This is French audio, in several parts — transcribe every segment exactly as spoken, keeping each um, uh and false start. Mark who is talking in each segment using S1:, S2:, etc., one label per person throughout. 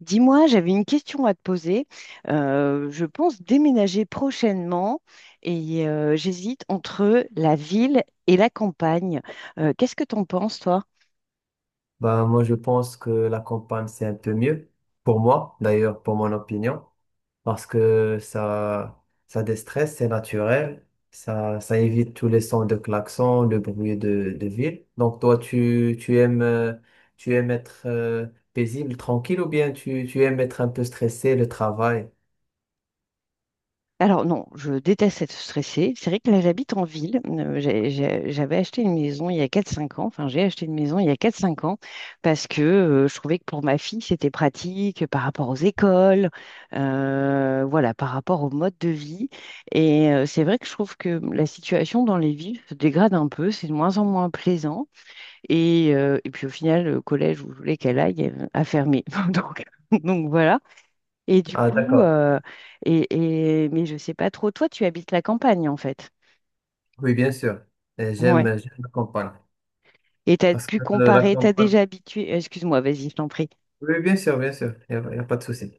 S1: Dis-moi, j'avais une question à te poser. Euh, je pense déménager prochainement et euh, j'hésite entre la ville et la campagne. Euh, qu'est-ce que t'en penses, toi?
S2: Bah, moi, je pense que la campagne, c'est un peu mieux pour moi, d'ailleurs, pour mon opinion, parce que ça, ça déstresse, c'est naturel, ça, ça évite tous les sons de klaxon, le bruit de, de ville. Donc, toi, tu, tu aimes, euh, tu aimes être euh, paisible, tranquille, ou bien tu, tu aimes être un peu stressé, le travail?
S1: Alors non, je déteste être stressée. C'est vrai que là, j'habite en ville. Euh, j'ai- j'ai- J'avais acheté une maison il y a quatre cinq ans. Enfin, j'ai acheté une maison il y a quatre cinq ans parce que euh, je trouvais que pour ma fille, c'était pratique par rapport aux écoles, euh, voilà, par rapport au mode de vie. Et euh, c'est vrai que je trouve que la situation dans les villes se dégrade un peu. C'est de moins en moins plaisant. Et, euh, et puis au final, le collège où je voulais qu'elle aille euh, a fermé. Donc, donc voilà. Et du
S2: Ah,
S1: coup,
S2: d'accord.
S1: euh, et, et- mais je sais pas trop. Toi, tu habites la campagne, en fait.
S2: Oui, bien sûr. Et
S1: Ouais.
S2: J'aime, j'aime la campagne.
S1: Et tu as
S2: Parce
S1: pu
S2: que euh, la
S1: comparer, tu as
S2: campagne.
S1: déjà habitué. Excuse-moi, vas-y, je t'en prie.
S2: Oui, bien sûr, bien sûr. Il n'y a, y a pas de souci.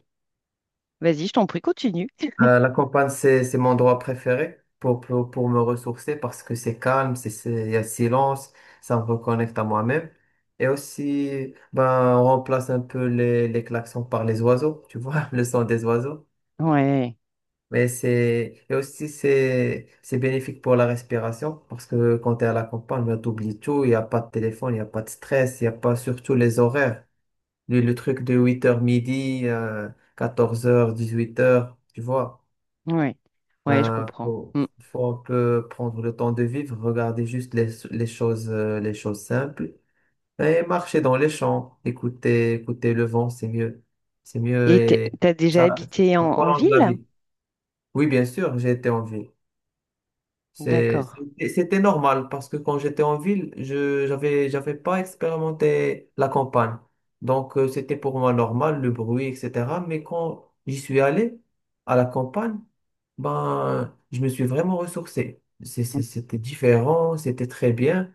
S1: Vas-y, je t'en prie, continue.
S2: Euh, la campagne, c'est, c'est mon endroit préféré pour, pour, pour me ressourcer parce que c'est calme, c'est, c'est- il y a le silence, ça me reconnecte à moi-même. Et aussi, ben, on remplace un peu les, les klaxons par les oiseaux, tu vois, le son des oiseaux.
S1: Ouais,
S2: Mais c'est, et aussi, c'est, c'est bénéfique pour la respiration parce que quand tu es à la campagne, ben, t'oublies tout, il n'y a pas de téléphone, il n'y a pas de stress, il n'y a pas surtout les horaires. Le, le truc de huit heures midi, euh, quatorze heures dix-huit heures tu vois.
S1: ouais, ouais, je
S2: Ben,
S1: comprends.
S2: faut,
S1: Mm.
S2: faut un peu prendre le temps de vivre, regarder juste les, les choses, euh, les choses simples et marcher dans les champs, écouter, écouter le vent, c'est mieux. C'est mieux
S1: Et tu
S2: et
S1: as déjà
S2: ça,
S1: habité
S2: ça
S1: en, en
S2: prolonge la
S1: ville?
S2: vie. Oui, bien sûr, j'ai été en ville. C'est-
S1: D'accord.
S2: C'était c'était normal parce que quand j'étais en ville, je j'avais j'avais pas expérimenté la campagne. Donc euh, c'était pour moi normal, le bruit, et cætera. Mais quand j'y suis allé à la campagne, ben je me suis vraiment ressourcé. C'est-
S1: Mm.
S2: c'est- C'était différent, c'était très bien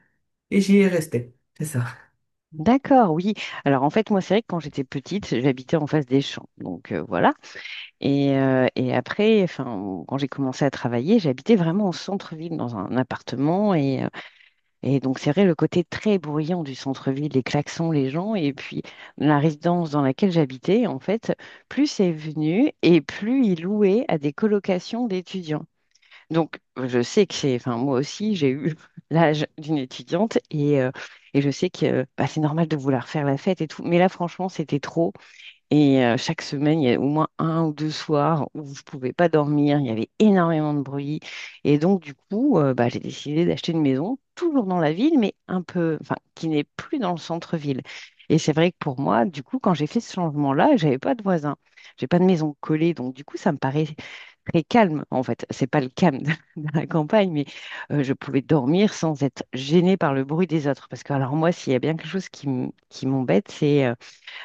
S2: et j'y ai resté. C'est ça.
S1: D'accord, oui. Alors en fait, moi, c'est vrai que quand j'étais petite, j'habitais en face des champs. Donc euh, voilà. Et, euh, et après, enfin, quand j'ai commencé à travailler, j'habitais vraiment au centre-ville, dans un appartement. Et, euh, Et donc, c'est vrai, le côté très bruyant du centre-ville, les klaxons, les gens, et puis la résidence dans laquelle j'habitais, en fait, plus c'est venu et plus il louait à des colocations d'étudiants. Donc, je sais que c'est, enfin, moi aussi, j'ai eu l'âge d'une étudiante et, euh, et je sais que bah, c'est normal de vouloir faire la fête et tout. Mais là, franchement, c'était trop. Et euh, chaque semaine, il y a au moins un ou deux soirs où je ne pouvais pas dormir, il y avait énormément de bruit. Et donc, du coup, euh, bah, j'ai décidé d'acheter une maison, toujours dans la ville, mais un peu, enfin, qui n'est plus dans le centre-ville. Et c'est vrai que pour moi, du coup, quand j'ai fait ce changement-là, j'avais pas de voisins, j'ai pas de maison collée, donc du coup, ça me paraît très calme. En fait, c'est pas le calme de de la campagne, mais euh, je pouvais dormir sans être gênée par le bruit des autres. Parce que alors moi, s'il y a bien quelque chose qui m- qui m'embête, c'est euh,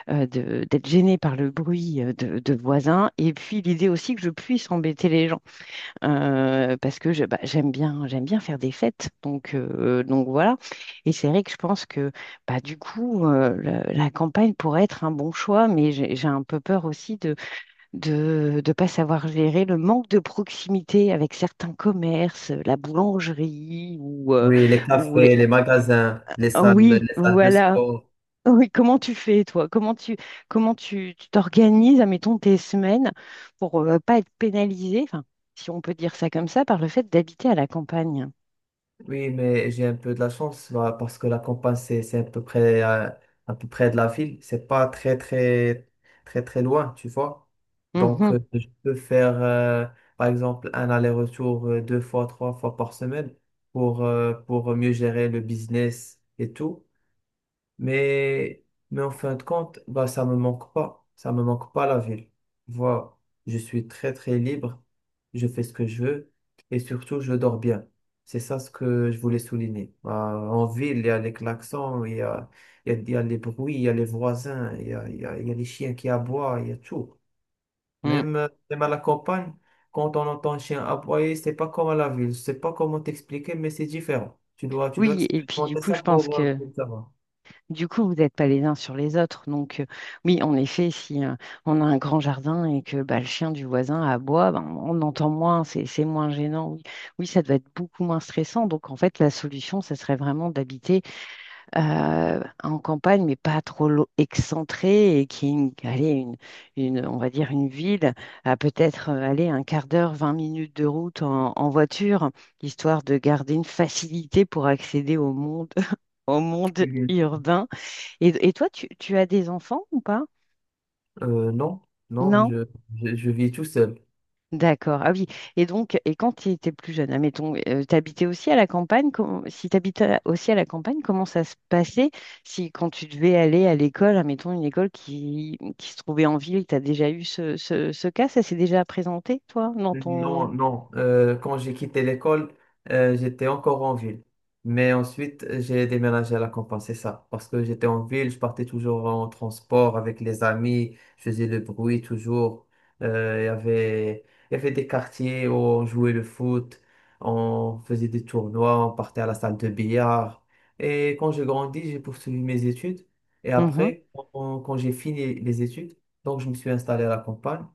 S1: euh, de- d'être gênée par le bruit euh, de, de voisins, et puis l'idée aussi que je puisse embêter les gens, euh, parce que je- bah, j'aime bien, j'aime bien faire des fêtes, donc, euh, donc voilà. Et c'est vrai que je pense que bah, du coup, euh, la, la campagne pourrait être un bon choix, mais j'ai j'ai un peu peur aussi de de ne pas savoir gérer le manque de proximité avec certains commerces, la boulangerie ou, euh,
S2: Oui, les
S1: ou les...
S2: cafés, les magasins, les
S1: Ah
S2: salles,
S1: oui,
S2: les salles de
S1: voilà,
S2: sport.
S1: oui, comment tu fais, toi? Comment tu comment tu tu t'organises, admettons, tes semaines pour euh, pas être pénalisé, enfin, si on peut dire ça comme ça, par le fait d'habiter à la campagne.
S2: Oui, mais j'ai un peu de la chance bah, parce que la campagne, c'est c'est à peu près, euh, à peu près de la ville. C'est pas très, très, très, très loin, tu vois. Donc,
S1: Mhm,
S2: euh, je peux faire, euh, par exemple, un aller-retour euh, deux fois, trois fois par semaine pour, euh, pour mieux gérer le business et tout. Mais, mais en fin de compte, bah, ça me manque pas. Ça me manque pas la ville. Voilà. Je suis très, très libre. Je fais ce que je veux. Et surtout, je dors bien. C'est ça ce que je voulais souligner. Bah, en ville, il y a les klaxons, il y a, il y a, il y a les bruits, il y a les voisins, il y a, il y a, il y a les chiens qui aboient, il y a tout.
S1: mm.
S2: Même, euh, même à la campagne, quand on entend un chien aboyer, c'est pas comme à la ville. Je sais pas comment t'expliquer, mais c'est différent. Tu dois, tu dois
S1: Oui, et puis du
S2: expérimenter
S1: coup,
S2: ça
S1: je pense
S2: pour, euh,
S1: que
S2: pour savoir.
S1: du coup, vous n'êtes pas les uns sur les autres. Donc, euh, oui, en effet, si euh, on a un grand jardin et que bah, le chien du voisin aboie, ben, on entend moins, c'est c'est moins gênant. Oui, oui, ça doit être beaucoup moins stressant. Donc, en fait, la solution, ça serait vraiment d'habiter euh, en campagne, mais pas trop lo- excentré, et qui est une, allez, une, une- on va dire une ville à peut-être euh, aller un quart d'heure, vingt minutes de route en, en voiture, histoire de garder une facilité pour accéder au monde, au monde urbain. Et, et toi, tu, tu as des enfants ou pas?
S2: Euh, non, non,
S1: Non?
S2: je, je, je vis tout seul.
S1: D'accord. Ah oui. Et donc, et quand tu étais plus jeune, admettons, euh, t'habitais aussi à la campagne, com- si t'habitais aussi à la campagne, comment ça se passait si quand tu devais aller à l'école, admettons une école qui, qui se trouvait en ville, tu as déjà eu ce, ce, ce cas, ça s'est déjà présenté, toi, dans ton...
S2: Non, non. Euh, quand j'ai quitté l'école, euh, j'étais encore en ville. Mais ensuite, j'ai déménagé à la campagne, c'est ça. Parce que j'étais en ville, je partais toujours en transport avec les amis, je faisais le bruit toujours. Euh, il y avait, il y avait des quartiers où on jouait le foot, on faisait des tournois, on partait à la salle de billard. Et quand j'ai grandi, j'ai poursuivi mes études. Et
S1: Mhm.
S2: après, quand quand j'ai fini les études, donc je me suis installé à la campagne.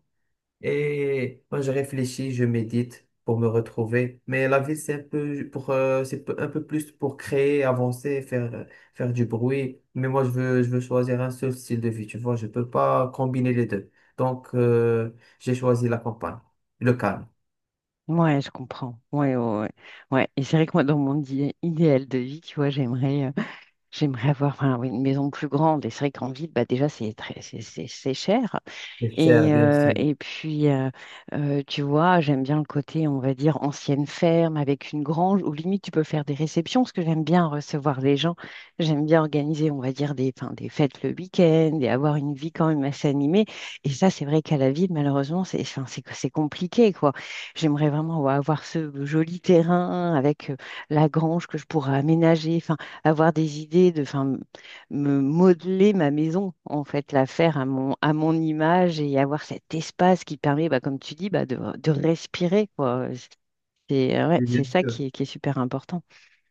S2: Et moi, je réfléchis, je médite pour me retrouver. Mais la vie, c'est un peu pour, euh, c'est peu- un peu plus pour créer, avancer, faire, euh, faire du bruit. Mais moi, je veux, je veux choisir un seul style de vie. Tu vois, je peux pas combiner les deux. Donc, euh, j'ai choisi la campagne, le calme.
S1: Ouais, je comprends. Ouais, ouais, ouais. Ouais. Et c'est vrai que moi, dans mon idé- idéal de vie, tu vois, j'aimerais euh, j'aimerais avoir enfin, oui, une maison plus grande. Et c'est vrai qu'en ville, bah, déjà, c'est très, c'est c'est- c'est cher.
S2: C'est cher,
S1: Et,
S2: bien
S1: euh,
S2: sûr.
S1: et puis, euh, euh, tu vois, j'aime bien le côté, on va dire, ancienne ferme avec une grange où limite tu peux faire des réceptions parce que j'aime bien recevoir les gens. J'aime bien organiser, on va dire, des, enfin, des fêtes le week-end et avoir une vie quand même assez animée. Et ça, c'est vrai qu'à la ville, malheureusement, c'est, enfin, c'est, c'est compliqué, quoi. J'aimerais vraiment ouais, avoir ce joli terrain avec euh, la grange que je pourrais aménager, enfin, avoir des idées de, enfin, me modeler ma maison, en fait, la faire à mon, à mon image et avoir cet espace qui permet, bah, comme tu dis, bah, de, de respirer, quoi. C'est euh, ouais,
S2: Oui, bien
S1: c'est ça
S2: sûr.
S1: qui est, qui est super important.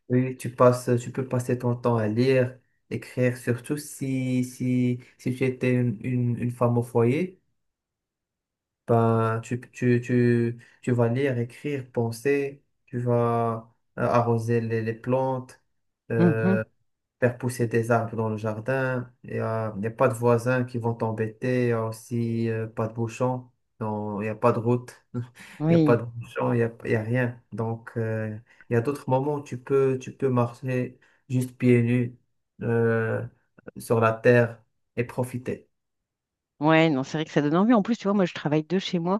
S2: Oui, tu passes, tu peux passer ton temps à lire, écrire, surtout si, si, si tu étais une, une une femme au foyer. Ben, tu, tu, tu, tu vas lire, écrire, penser, tu vas euh, arroser les, les plantes,
S1: Mhm.
S2: euh, faire pousser des arbres dans le jardin. Il n'y a, il y a pas de voisins qui vont t'embêter, il n'y a aussi euh, pas de bouchons. Non, il n'y a pas de route, il n'y a pas
S1: Oui,
S2: de bouchons, il n'y a, il y a rien. Donc, euh, il y a d'autres moments où tu peux, tu peux marcher juste pieds nus euh, sur la terre et profiter.
S1: ouais, non, c'est vrai que ça donne envie. En plus, tu vois, moi, je travaille de chez moi.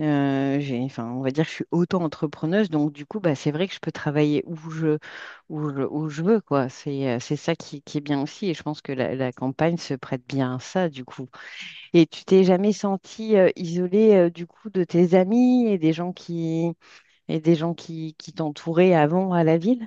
S1: Euh, j'ai, enfin, on va dire que je suis auto-entrepreneuse, donc du coup, bah, c'est vrai que je peux travailler où je, où je, où je veux, quoi. C'est, euh, c'est ça qui, qui est bien aussi, et je pense que la, la campagne se prête bien à ça, du coup. Et tu t'es jamais sentie euh, isolée, euh, du coup, de tes amis et des gens qui, et des gens qui, qui t'entouraient avant à la ville?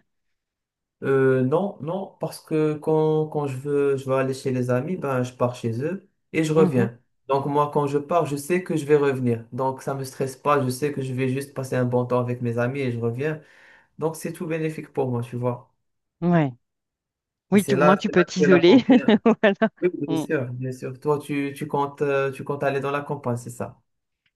S2: Euh, non, non, parce que quand, quand je veux, je veux aller chez les amis, ben, je pars chez eux et je
S1: Mhm.
S2: reviens. Donc moi, quand je pars, je sais que je vais revenir. Donc ça me stresse pas, je sais que je vais juste passer un bon temps avec mes amis et je reviens. Donc c'est tout bénéfique pour moi, tu vois.
S1: Ouais.
S2: Et
S1: Oui, tu-
S2: c'est
S1: au moins
S2: là,
S1: tu
S2: c'est
S1: peux
S2: là que la
S1: t'isoler.
S2: frontière.
S1: Voilà.
S2: Oui, bien
S1: Mmh.
S2: sûr, bien sûr. Toi, tu, tu comptes, euh, tu comptes aller dans la campagne, c'est ça?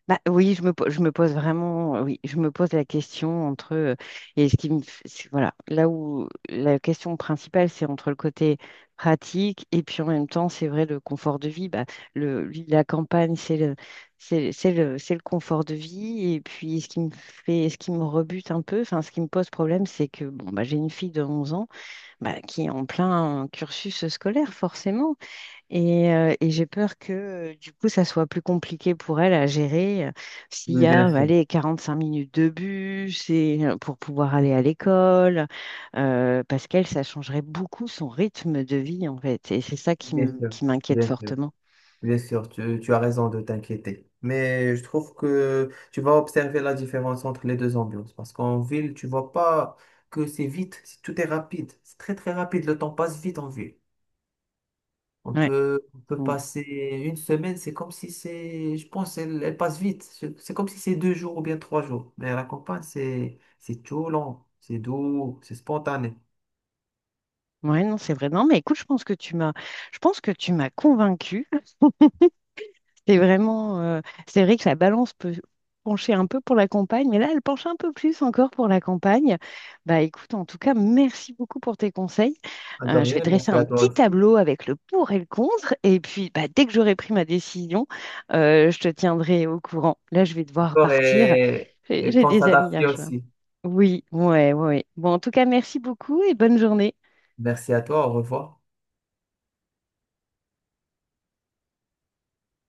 S1: Bah, oui, je me, po- je me pose vraiment, oui, je me pose la question entre, euh, et ce qui me, f- c'est- voilà, là où la question principale, c'est entre le côté pratique et puis en même temps, c'est vrai, le confort de vie, bah, le, lui, la campagne, c'est le, c'est, c'est le, c'est le confort de vie. Et puis, ce qui me fait, ce qui me rebute un peu, enfin, ce qui me pose problème, c'est que, bon, bah, j'ai une fille de onze ans, bah, qui est en plein cursus scolaire, forcément. Et, euh, et j'ai peur que euh, du coup, ça soit plus compliqué pour elle à gérer euh, s'il
S2: Oui,
S1: y a,
S2: bien
S1: euh,
S2: sûr,
S1: allez, cinq minutes de bus et, euh, pour pouvoir aller à l'école, euh, parce qu'elle, ça changerait beaucoup son rythme de vie, en fait. Et c'est ça qui
S2: bien
S1: m-
S2: sûr,
S1: qui m'inquiète
S2: bien sûr.
S1: fortement.
S2: Bien sûr, tu, tu as raison de t'inquiéter. Mais je trouve que tu vas observer la différence entre les deux ambiances. Parce qu'en ville, tu vois pas que c'est vite, c'est- tout est rapide. C'est très très rapide, le temps passe vite en ville. On
S1: Ouais.
S2: peut, on peut
S1: Mm.
S2: passer une semaine, c'est comme si c'est, je pense, elle, elle passe vite. C'est c'est comme si c'est deux jours ou bien trois jours. Mais à la campagne, c'est, c'est tout lent, c'est doux, c'est spontané.
S1: Ouais, non, c'est vrai. Non, mais écoute, je pense que tu m'as, je pense que tu m'as convaincue. C'est vraiment, euh, c'est vrai que la balance peut pencher un peu pour la campagne, mais là, elle penche un peu plus encore pour la campagne. Bah, écoute, en tout cas, merci beaucoup pour tes conseils.
S2: De
S1: Euh, je vais
S2: rien,
S1: dresser
S2: merci
S1: un
S2: à toi
S1: petit
S2: aussi.
S1: tableau avec le pour et le contre, et puis bah, dès que j'aurai pris ma décision, euh, je te tiendrai au courant. Là, je vais devoir
S2: Encore
S1: partir.
S2: Et,
S1: J'ai
S2: et
S1: j'ai
S2: pense
S1: des
S2: à ta
S1: amis à
S2: fille
S1: rejoindre.
S2: aussi.
S1: Oui, ouais, ouais. Bon, en tout cas, merci beaucoup et bonne journée.
S2: Merci à toi, au revoir.